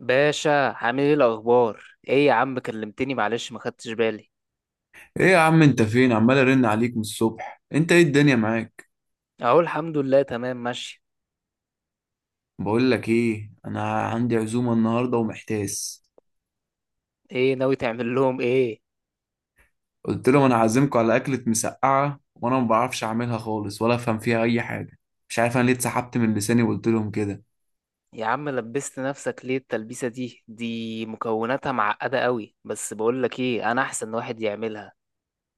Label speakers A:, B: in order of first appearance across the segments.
A: باشا، عامل ايه الاخبار؟ ايه يا عم كلمتني معلش ما خدتش بالي.
B: ايه يا عم، انت فين؟ عمال ارن عليك من الصبح. انت ايه الدنيا معاك؟
A: اهو الحمد لله تمام ماشي.
B: بقول لك ايه، انا عندي عزومه النهارده ومحتاس.
A: ايه ناوي تعمل لهم ايه؟
B: قلت لهم انا عازمكم على اكله مسقعه وانا ما بعرفش اعملها خالص ولا افهم فيها اي حاجه. مش عارف انا ليه اتسحبت من لساني وقلت لهم كده.
A: يا عم لبست نفسك ليه التلبيسة دي مكوناتها معقدة قوي، بس بقول لك ايه، انا احسن واحد يعملها.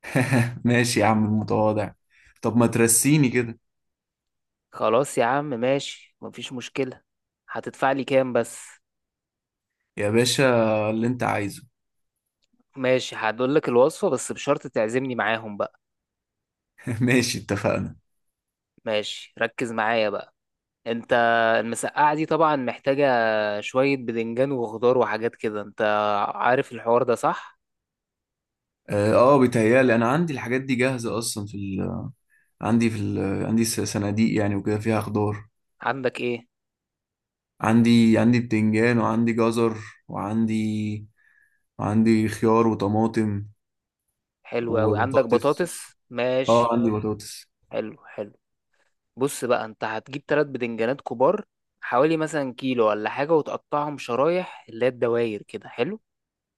B: ماشي يا عم المتواضع. طب ما ترسيني كده.
A: خلاص يا عم ماشي، مفيش مشكلة. هتدفع لي كام بس؟
B: يا باشا، اللي انت عايزه.
A: ماشي هقول لك الوصفة بس بشرط تعزمني معاهم بقى.
B: ماشي، اتفقنا.
A: ماشي ركز معايا بقى. انت المسقعة دي طبعا محتاجة شوية بدنجان وخضار وحاجات كده. انت عارف الحوار ده صح؟
B: بيتهيالي انا عندي الحاجات دي جاهزه اصلا في عندي في عندي صناديق يعني وكده فيها خضار.
A: عندك ايه؟
B: عندي بتنجان وعندي جزر وعندي وعندي خيار وطماطم.
A: حلو اوي، عندك
B: وبطاطس،
A: بطاطس؟
B: اه
A: ماشي.
B: عندي بطاطس.
A: حلو حلو. بص بقى، انت هتجيب 3 بدنجانات كبار، حوالي مثلا كيلو ولا حاجة، وتقطعهم شرايح اللي هي الدواير كده، حلو؟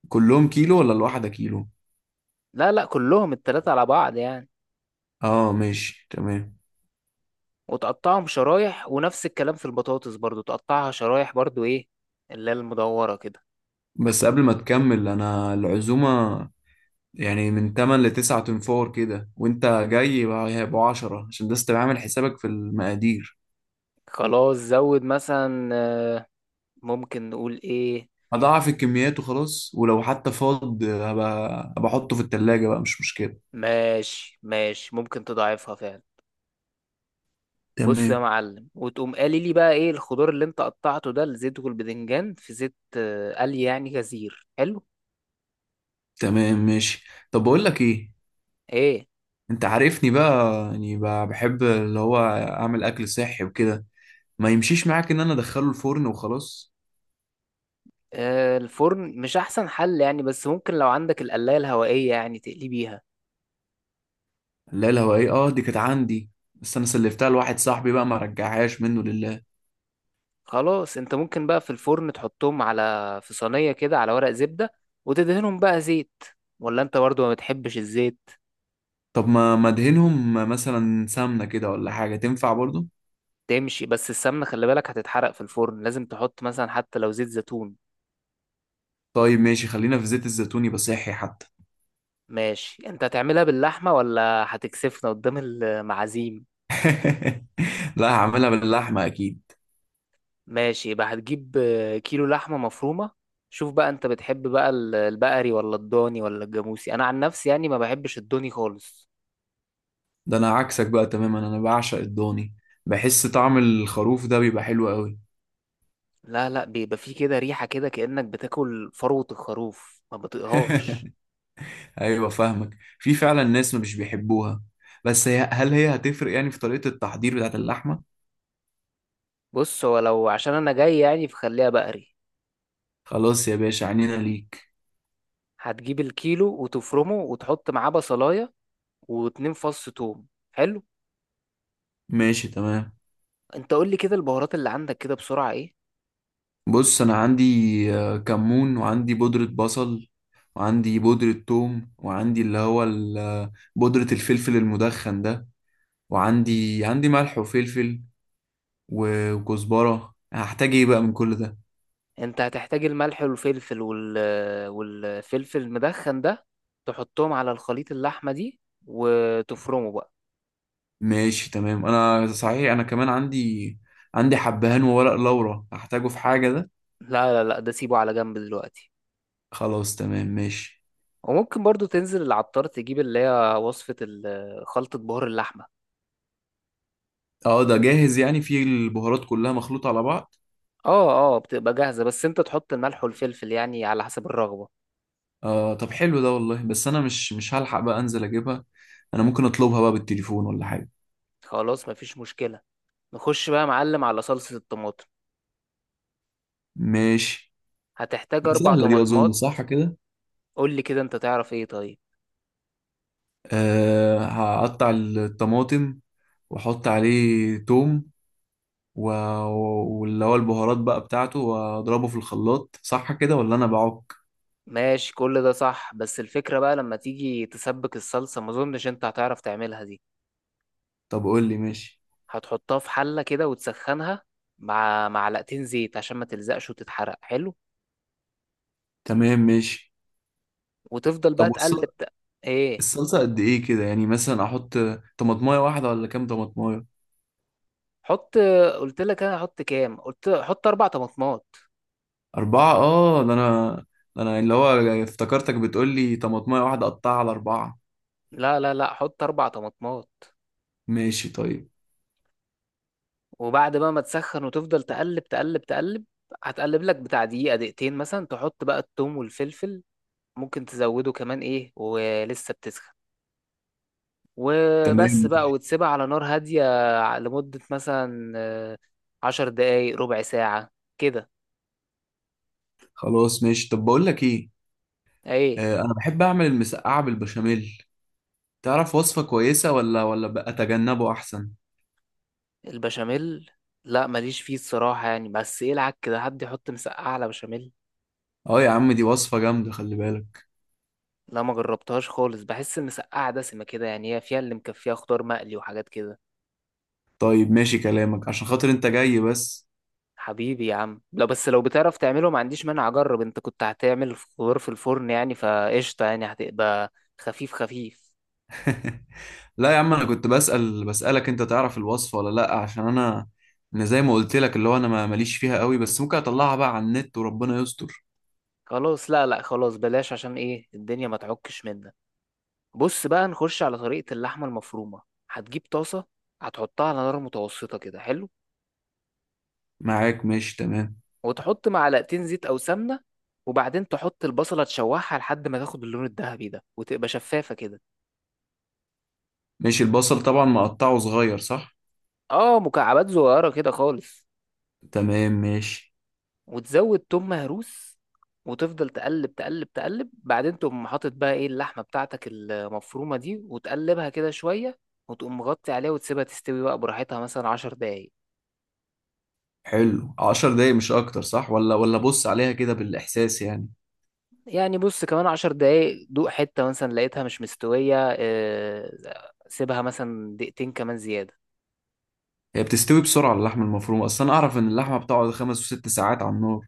B: كلهم كيلو ولا الواحدة كيلو؟
A: لا لا كلهم التلاتة على بعض يعني.
B: اه ماشي تمام.
A: وتقطعهم شرايح، ونفس الكلام في البطاطس برضو تقطعها شرايح برضو ايه، اللي هي المدورة كده.
B: بس قبل ما تكمل، انا العزومة يعني من 8 ل 9، تنفور كده وانت جاي هيبقوا 10، عشان بس تبقى عامل حسابك في المقادير.
A: خلاص زود مثلا ممكن نقول ايه.
B: هضاعف الكميات وخلاص، ولو حتى فاض هبقى احطه في التلاجة بقى، مش مشكلة.
A: ماشي ماشي ممكن تضاعفها فعلا. بص يا
B: تمام.
A: معلم، وتقوم قالي لي بقى ايه الخضار اللي انت قطعته ده، الزيت والبذنجان في زيت قلي يعني غزير، حلو؟
B: تمام ماشي. طب بقول لك ايه،
A: ايه.
B: انت عارفني بقى يعني بحب اللي هو اعمل اكل صحي وكده، ما يمشيش معاك ان انا ادخله الفرن وخلاص.
A: آه الفرن مش احسن حل يعني، بس ممكن لو عندك القلاية الهوائية يعني تقلي بيها.
B: لا الهوائية اه دي كانت عندي، بس انا سلفتها لواحد صاحبي بقى ما رجعهاش منه لله.
A: خلاص انت ممكن بقى في الفرن تحطهم على في صينية كده على ورق زبدة، وتدهنهم بقى زيت، ولا انت برضو ما بتحبش الزيت.
B: طب ما ادهنهم مثلا سمنة كده ولا حاجة؟ تنفع برضو؟
A: تمشي، بس السمنة خلي بالك هتتحرق في الفرن، لازم تحط مثلا حتى لو زيت زيتون.
B: طيب ماشي، خلينا في زيت الزيتون، يبقى صحي حتى.
A: ماشي، انت هتعملها باللحمة ولا هتكسفنا قدام المعازيم؟
B: لا هعملها باللحمة اكيد.
A: ماشي يبقى هتجيب كيلو لحمة مفرومة. شوف بقى انت بتحب بقى البقري ولا الضاني ولا الجاموسي؟ انا عن نفسي يعني ما بحبش الضاني خالص.
B: ده انا عكسك بقى تماما، انا بعشق الضاني. بحس طعم الخروف ده بيبقى حلو قوي.
A: لا لا بيبقى فيه كده ريحة كده، كأنك بتاكل فروة الخروف، ما بطيقهاش.
B: ايوه فاهمك، في فعلا ناس مش بيحبوها. بس هي هل هتفرق يعني في طريقة التحضير بتاعت اللحمة؟
A: بص هو لو عشان انا جاي يعني فخليها بقري.
B: خلاص يا باشا، عنينا ليك.
A: هتجيب الكيلو وتفرمه، وتحط معاه بصلاية و2 فص توم، حلو.
B: ماشي تمام.
A: انت قول لي كده البهارات اللي عندك كده بسرعة ايه.
B: بص انا عندي كمون وعندي بودرة بصل وعندي بودرة ثوم وعندي اللي هو بودرة الفلفل المدخن ده. وعندي ملح وفلفل وكزبرة. هحتاج ايه بقى من كل ده؟
A: انت هتحتاج الملح والفلفل والفلفل المدخن ده، تحطهم على الخليط اللحمة دي وتفرمه بقى.
B: ماشي تمام. انا صحيح انا كمان عندي، عندي حبهان وورق لورا، هحتاجه في حاجة ده؟
A: لا لا لا ده سيبه على جنب دلوقتي.
B: خلاص تمام ماشي.
A: وممكن برضو تنزل العطار تجيب اللي هي وصفة خلطة بهار اللحمة.
B: اه ده جاهز يعني، فيه البهارات كلها مخلوطة على بعض.
A: اه اه بتبقى جاهزة، بس انت تحط الملح والفلفل يعني على حسب الرغبة.
B: آه طب حلو ده والله، بس انا مش هلحق بقى انزل اجيبها. انا ممكن اطلبها بقى بالتليفون ولا حاجة؟
A: خلاص مفيش مشكلة. نخش بقى يا معلم على صلصة الطماطم.
B: ماشي.
A: هتحتاج أربع
B: سهلة دي اظن،
A: طماطمات
B: صح كده؟
A: قولي كده انت تعرف ايه طيب.
B: آه هقطع الطماطم واحط عليه توم و... واللي هو البهارات بقى بتاعته واضربه في الخلاط، صح كده ولا انا بعك؟
A: ماشي كل ده صح، بس الفكرة بقى لما تيجي تسبك الصلصة ما اظنش انت هتعرف تعملها دي.
B: طب قول لي. ماشي
A: هتحطها في حلة كده وتسخنها مع 2 معلقة زيت عشان ما تلزقش وتتحرق، حلو.
B: تمام ماشي.
A: وتفضل
B: طب
A: بقى تقلب ت- ايه.
B: الصلصة قد ايه كده، يعني مثلا احط طماطمايه واحدة ولا كام طماطمايه؟
A: حط. قلت لك انا احط كام؟ قلت حط 4 طماطمات.
B: أربعة؟ آه ده أنا، ده أنا اللي هو افتكرتك بتقول لي طماطمية واحدة أقطعها على أربعة.
A: لا لا لا حط 4 طماطمات.
B: ماشي طيب.
A: وبعد بقى ما تسخن وتفضل تقلب تقلب تقلب، هتقلب لك بتاع دقيقة دقيقتين مثلا، تحط بقى التوم والفلفل، ممكن تزوده كمان ايه ولسه بتسخن،
B: تمام
A: وبس بقى
B: ماشي.
A: وتسيبها على نار هادية لمدة مثلا 10 دقايق ربع ساعة كده.
B: خلاص ماشي. طب بقول لك إيه،
A: ايه.
B: آه أنا بحب أعمل المسقعة بالبشاميل، تعرف وصفة كويسة ولا بقى أتجنبه أحسن؟
A: البشاميل؟ لا ماليش فيه الصراحة يعني، بس يلعك كده حد يحط مسقعة على بشاميل.
B: آه يا عم دي وصفة جامدة، خلي بالك.
A: لا ما جربتهاش خالص، بحس المسقعة دسمة كده يعني، هي فيها اللي مكفيها خضار مقلي وحاجات كده.
B: طيب ماشي كلامك، عشان خاطر أنت جاي بس.
A: حبيبي يا عم لا، بس لو بتعرف تعمله ما عنديش مانع اجرب. انت كنت هتعمل خضار في الفرن يعني فقشطة، يعني هتبقى خفيف خفيف.
B: لا يا عم، أنا كنت بسأل، بسألك أنت تعرف الوصفة ولا لأ، عشان أنا، أنا زي ما قلت لك اللي هو أنا ماليش فيها قوي، بس ممكن أطلعها بقى على النت وربنا يستر.
A: خلاص لا لا خلاص بلاش عشان ايه الدنيا ما تعكش منك. بص بقى نخش على طريقة اللحمة المفرومة. هتجيب طاسة، هتحطها على نار متوسطة كده، حلو.
B: معاك ماشي تمام.
A: وتحط 2 معلقة زيت أو سمنة، وبعدين تحط البصلة تشوحها لحد ما تاخد اللون الذهبي ده وتبقى شفافة كده.
B: ماشي. البصل طبعا مقطعه صغير، صح؟
A: اه مكعبات صغيرة كده خالص.
B: تمام ماشي.
A: وتزود توم مهروس، وتفضل تقلب تقلب تقلب، بعدين تقوم حاطط بقى ايه اللحمة بتاعتك المفرومة دي، وتقلبها كده شوية، وتقوم مغطي عليها وتسيبها تستوي بقى براحتها مثلا 10 دقايق.
B: حلو، عشر دقايق مش اكتر، صح ولا بص عليها كده بالاحساس يعني؟
A: يعني بص كمان 10 دقايق، دوق حتة مثلا لقيتها مش مستوية سيبها مثلا دقيقتين كمان زيادة.
B: هي بتستوي بسرعة اللحمة المفرومة اصلا، اعرف ان اللحمة بتقعد خمس وست ساعات على النار.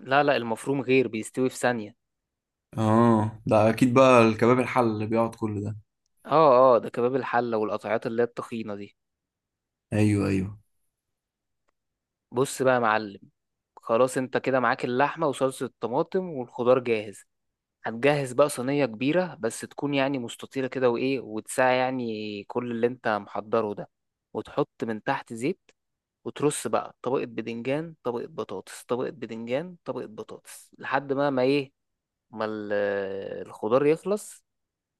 A: لا لا المفروم غير، بيستوي في ثانية.
B: اه ده اكيد بقى الكباب الحل اللي بيقعد كل ده.
A: اه اه ده كباب الحلة والقطعات اللي هي التخينة دي.
B: ايوه ايوه.
A: بص بقى يا معلم، خلاص انت كده معاك اللحمة وصلصة الطماطم والخضار جاهز. هتجهز بقى صينية كبيرة، بس تكون يعني مستطيلة كده وايه، وتساع يعني كل اللي انت محضره ده، وتحط من تحت زيت، وترص بقى طبقة بدنجان طبقة بطاطس طبقة بدنجان طبقة بطاطس لحد ما الخضار يخلص.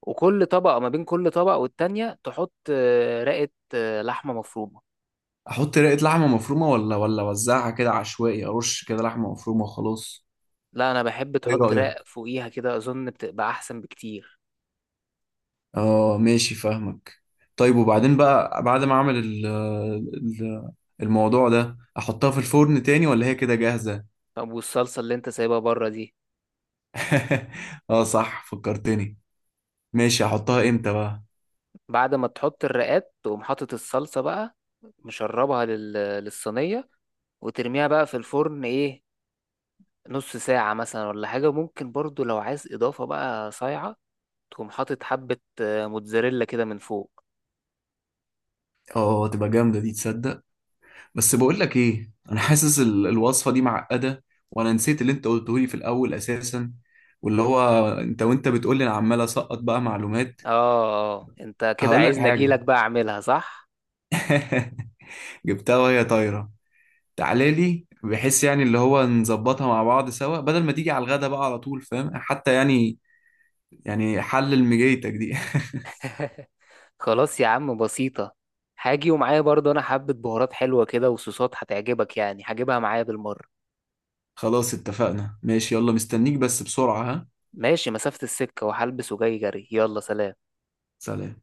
A: وكل طبقة، ما بين كل طبقة والتانية، تحط رقة لحمة مفرومة.
B: احط رقة لحمة مفرومة ولا اوزعها كده عشوائي، ارش كده لحمة مفرومة وخلاص؟
A: لا أنا بحب
B: ايه
A: تحط رق
B: رأيك؟
A: فوقيها كده، أظن بتبقى أحسن بكتير.
B: اه ماشي فاهمك. طيب وبعدين بقى بعد ما اعمل ال- الموضوع ده، احطها في الفرن تاني ولا هي كده جاهزة؟
A: طب والصلصة اللي أنت سايبها بره دي؟
B: اه صح فكرتني. ماشي احطها امتى بقى؟
A: بعد ما تحط الرقات تقوم حاطط الصلصة بقى، مشربها للصينية، وترميها بقى في الفرن، إيه، نص ساعة مثلا ولا حاجة. ممكن برضو لو عايز إضافة بقى صايعة تقوم حاطط حبة موتزاريلا كده من فوق.
B: اه تبقى جامدة دي تصدق. بس بقول لك ايه، انا حاسس الوصفة دي معقدة، وانا نسيت اللي انت قلته لي في الاول اساسا، واللي هو انت وانت بتقول لي انا عمال اسقط بقى معلومات.
A: اه اه انت كده
B: هقول لك
A: عايزني
B: حاجة.
A: اجيلك بقى اعملها صح.
B: جبتها وهي طايرة. تعالى لي بحيث يعني اللي هو نظبطها مع بعض سوا، بدل ما تيجي على الغدا بقى على طول، فاهم حتى يعني، يعني حلل مجيتك دي.
A: خلاص يا عم بسيطة، هاجي ومعايا برضو انا حبة بهارات حلوة كده وصوصات هتعجبك يعني، هجيبها معايا بالمرة.
B: خلاص اتفقنا ماشي، يلا مستنيك بس بسرعة ها.
A: ماشي، مسافة السكة وهلبس وجاي جري، يلا سلام.
B: سلام.